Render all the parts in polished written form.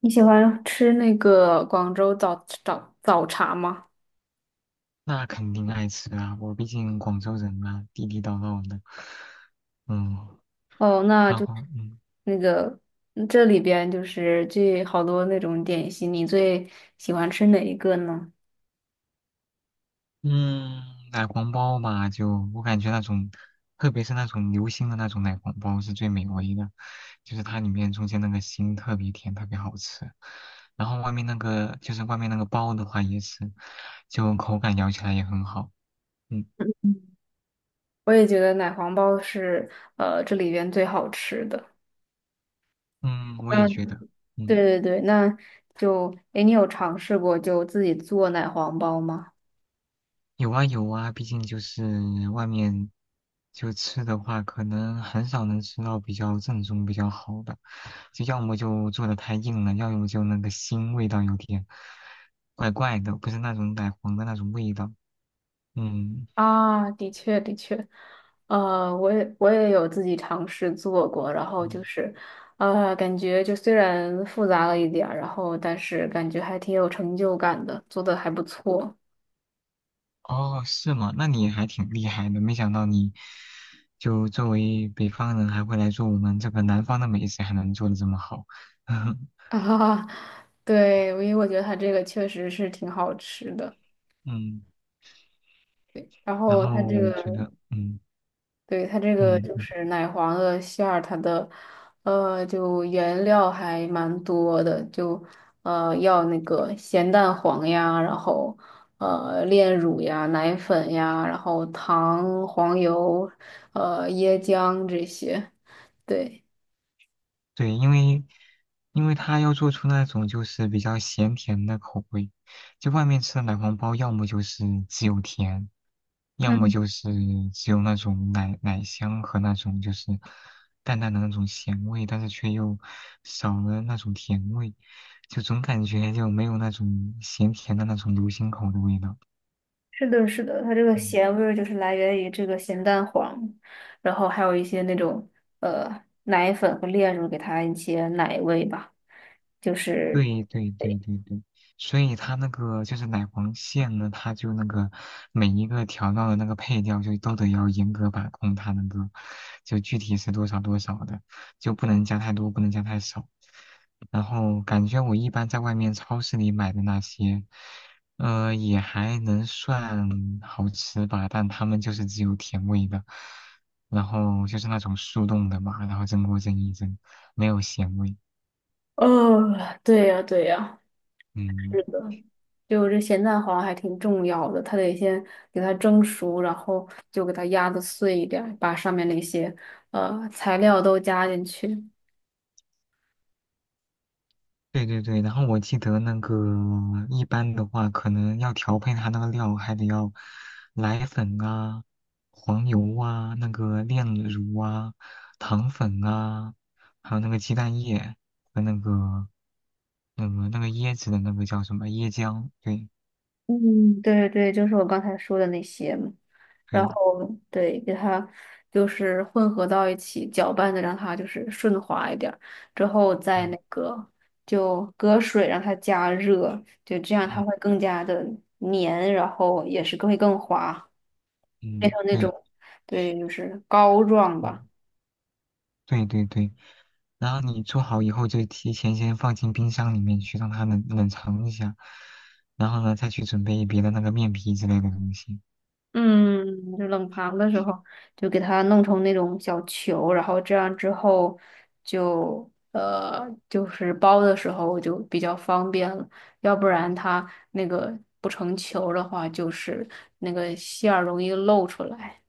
你喜欢吃那个广州早茶吗？那肯定爱吃啊，我毕竟广州人嘛，地地道道的。嗯，哦，那然就后那个这里边就是这好多那种点心，你最喜欢吃哪一个呢？嗯，奶黄包嘛，就我感觉那种，特别是那种流心的那种奶黄包是最美味的，就是它里面中间那个心特别甜，特别好吃。然后外面那个就是外面那个包的话也是，就口感咬起来也很好。嗯嗯，我也觉得奶黄包是这里边最好吃的。嗯，我也觉嗯，得。对嗯。对对，那就，诶，你有尝试过就自己做奶黄包吗？有啊有啊，毕竟就是外面就吃的话，可能很少能吃到比较正宗、比较好的，就要么就做的太硬了，要么就那个腥味道有点怪怪的，不是那种奶黄的那种味道。嗯啊，的确的确，我也有自己尝试做过，然后就嗯，是，感觉就虽然复杂了一点儿，然后但是感觉还挺有成就感的，做的还不错哦，是吗？那你还挺厉害的，没想到你就作为北方人还会来做我们这个南方的美食，还能做的这么好。啊。对，因为我觉得它这个确实是挺好吃的，嗯，然然后它后这我个觉得，对，它这个嗯。就是奶黄的馅儿，它的就原料还蛮多的，就要那个咸蛋黄呀，然后炼乳呀、奶粉呀，然后糖、黄油、椰浆这些。对，对，因为它要做出那种就是比较咸甜的口味，就外面吃的奶黄包，要么就是只有甜，要么嗯，就是只有那种奶奶香和那种就是淡淡的那种咸味，但是却又少了那种甜味，就总感觉就没有那种咸甜的那种流心口的味道。是的，是的，它这个嗯咸味儿就是来源于这个咸蛋黄，然后还有一些那种奶粉和炼乳给它一些奶味吧，就是对对对对对，所以它那个就是奶黄馅呢，它就那个每一个调料的那个配料就都得要严格把控，它那个就具体是多少多少的，就不能加太多，不能加太少。然后感觉我一般在外面超市里买的那些，也还能算好吃吧，但它们就是只有甜味的，然后就是那种速冻的嘛，然后蒸锅蒸一蒸，没有咸味，哦，对呀，对呀，嗯。是的，就这咸蛋黄还挺重要的，它得先给它蒸熟，然后就给它压的碎一点儿，把上面那些材料都加进去。对对对，然后我记得那个一般的话，可能要调配它那个料，还得要奶粉啊、黄油啊、那个炼乳啊、糖粉啊，还有那个鸡蛋液和那个那个椰子的那个叫什么椰浆？对嗯，对对，就是我刚才说的那些嘛。然对，后对，给它就是混合到一起，搅拌的让它就是顺滑一点儿，之后再嗯那个就隔水让它加热，就这样嗯它会更加的黏，然后也是更会更滑。嗯，那对。种。对，就是膏状吧。嗯对对对，然后你做好以后就提前先放进冰箱里面去，让它冷藏一下，然后呢再去准备别的那个面皮之类的东西。嗯，就冷藏的时候就给它弄成那种小球，然后这样之后就就是包的时候就比较方便了，要不然它那个不成球的话，就是那个馅儿容易漏出来。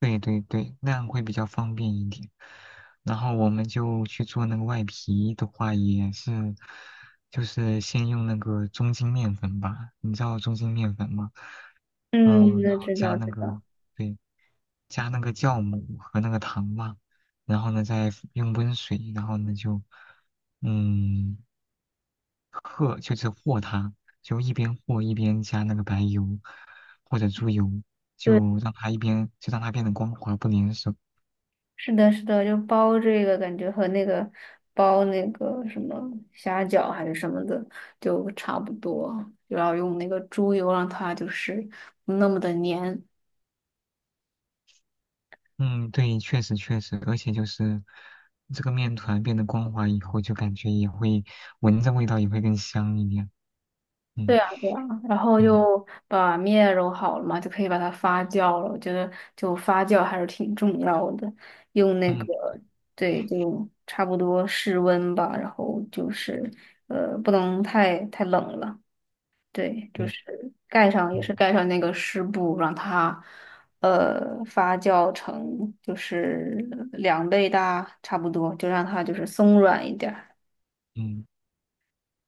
对对对，那样会比较方便一点。然后我们就去做那个外皮的话，也是就是先用那个中筋面粉吧，你知道中筋面粉吗？嗯，嗯，那然后知加道那知个道。对，加那个酵母和那个糖嘛，然后呢再用温水，然后呢就嗯和就是和它，就一边和一边加那个白油或者猪油，对。就让它一边就让它变得光滑不粘手。是的，是的，就包这个感觉和那个包那个什么虾饺还是什么的就差不多，就要用那个猪油让它就是不那么的粘。嗯，对，确实确实，而且就是这个面团变得光滑以后，就感觉也会闻着味道也会更香一点。对嗯啊，对啊，然后嗯就把面揉好了嘛，就可以把它发酵了。我觉得就发酵还是挺重要的，用那个嗯，对，就差不多室温吧，然后就是不能太冷了。对，就对，是盖上也是嗯盖上那个湿布，让它发酵成就是2倍大差不多，就让它就是松软一点儿。嗯。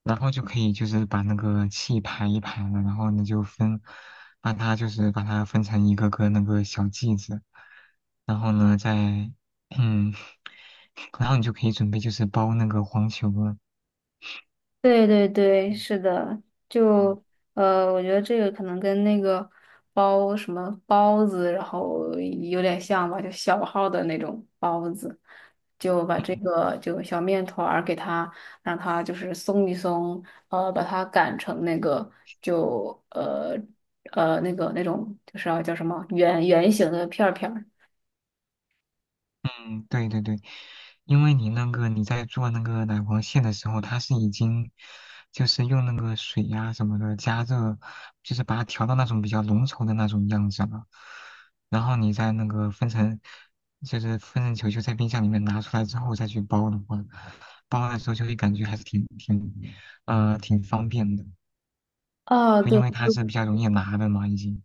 然后就可以就是把那个气排一排了，然后呢就分，把它就是把它分成一个个那个小剂子，然后呢再，嗯，然后你就可以准备就是包那个黄球了。对对对，嗯是的，就嗯我觉得这个可能跟那个包什么包子，然后有点像吧，就小号的那种包子，就把这个就小面团儿给它，让它就是松一松，把它擀成那个就那个那种就是要叫什么圆圆形的片儿。对对对，因为你那个你在做那个奶黄馅的时候，它是已经就是用那个水呀、什么的加热，就是把它调到那种比较浓稠的那种样子了。然后你再那个分成，就是分成球球在冰箱里面拿出来之后再去包的话，包的时候就会感觉还是挺方便的，啊，就因对。为它是比较容易拿的嘛，已经。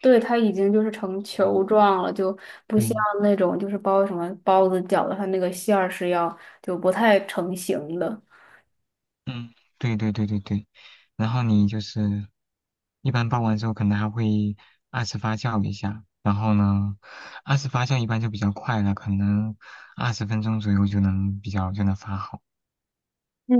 对，它已经就是成球嗯，状了，就不像对，那种就是包什么包子、饺子，它那个馅儿是要就不太成型的。嗯，对对对对对，然后你就是一般包完之后，可能还会二次发酵一下，然后呢，二次发酵一般就比较快了，可能20分钟左右就能比较就能发好。嗯，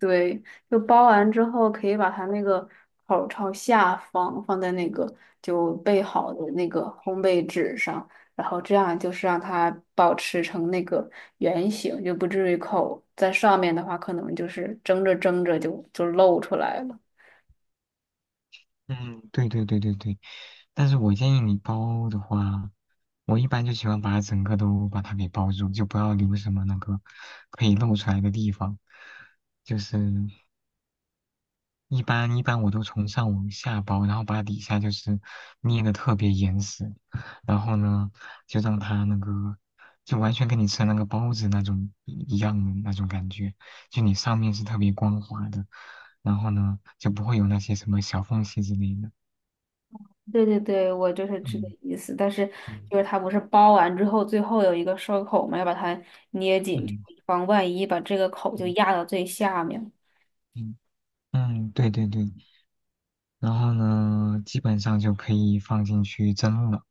对，就包完之后，可以把它那个口儿朝下方放在那个就备好的那个烘焙纸上，然后这样就是让它保持成那个圆形，就不至于口在上面的话，可能就是蒸着蒸着就露出来了。嗯，对对对对对，但是我建议你包的话，我一般就喜欢把整个都把它给包住，就不要留什么那个可以露出来的地方，就是。一般我都从上往下包，然后把底下就是捏的特别严实，然后呢，就让它那个就完全跟你吃那个包子那种一样的那种感觉，就你上面是特别光滑的，然后呢就不会有那些什么小缝隙之类的。对对对，我就是这个嗯意思。但是嗯就是它不是包完之后，最后有一个收口嘛，要把它捏紧，就嗯以防万一，把这个口就嗯压到最下面。嗯嗯，对对对，然后呢，基本上就可以放进去蒸了。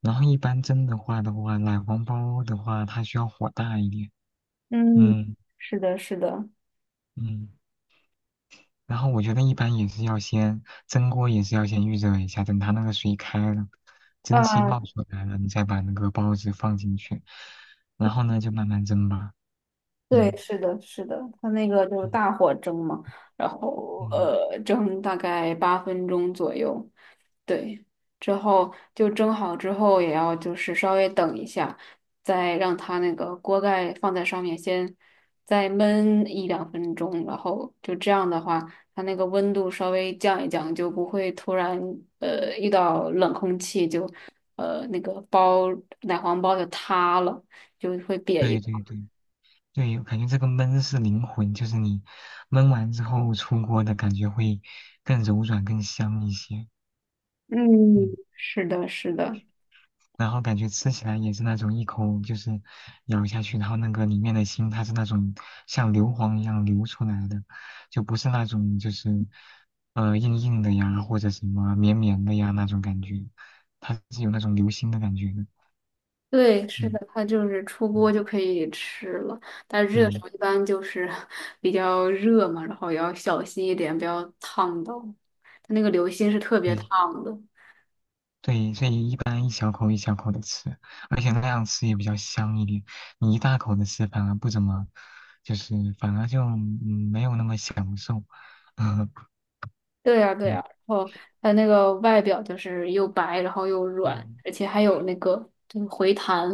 然后一般蒸的话，奶黄包的话，它需要火大一点。嗯，嗯是的，是的，嗯，然后我觉得一般也是要先蒸锅，也是要先预热一下，等它那个水开了，蒸汽啊，冒出来了，你再把那个包子放进去，然后呢就慢慢蒸吧。对，嗯是的，是的，它那个就是嗯大火蒸嘛，然后嗯，蒸大概8分钟左右。对，之后就蒸好之后，也要就是稍微等一下，再让它那个锅盖放在上面先再焖1到2分钟，然后就这样的话，它那个温度稍微降一降，就不会突然遇到冷空气就呃那个包奶黄包就塌了，就会瘪一对包。对对对，感觉这个焖是灵魂，就是你焖完之后出锅的感觉会更柔软、更香一些。嗯，嗯。是的，是的。然后感觉吃起来也是那种一口就是咬下去，然后那个里面的心它是那种像硫磺一样流出来的，就不是那种就是硬硬的呀或者什么绵绵的呀那种感觉，它是有那种流心的感觉的。对，是的，嗯，它就是出锅嗯就可以吃了，但是热的时对候一般就是 比较热嘛，然后也要小心一点，不要烫到。它那个流心是特别对烫的。对，所以一般一小口一小口的吃，而且那样吃也比较香一点。你一大口的吃反而不怎么，就是反而就没有那么享受。对呀，对呀，嗯。然后它那个外表就是又白，然后又软，嗯而且还有那个就是回弹，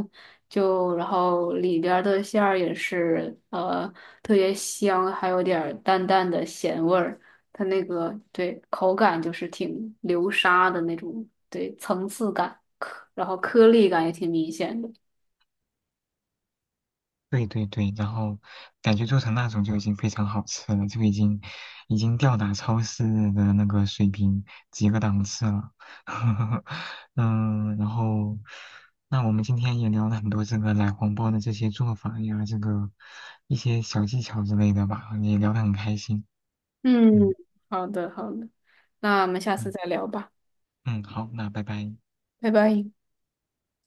就然后里边儿的馅儿也是特别香，还有点儿淡淡的咸味儿。它那个对口感就是挺流沙的那种，对层次感，然后颗粒感也挺明显的。对对对，然后感觉做成那种就已经非常好吃了，就已经吊打超市的那个水平几个档次了。嗯，然后那我们今天也聊了很多这个奶黄包的这些做法呀，这个一些小技巧之类的吧，也聊得很开心。嗯，嗯好的，好的，那我们下次嗯再聊吧，嗯，好，那拜拜。拜拜。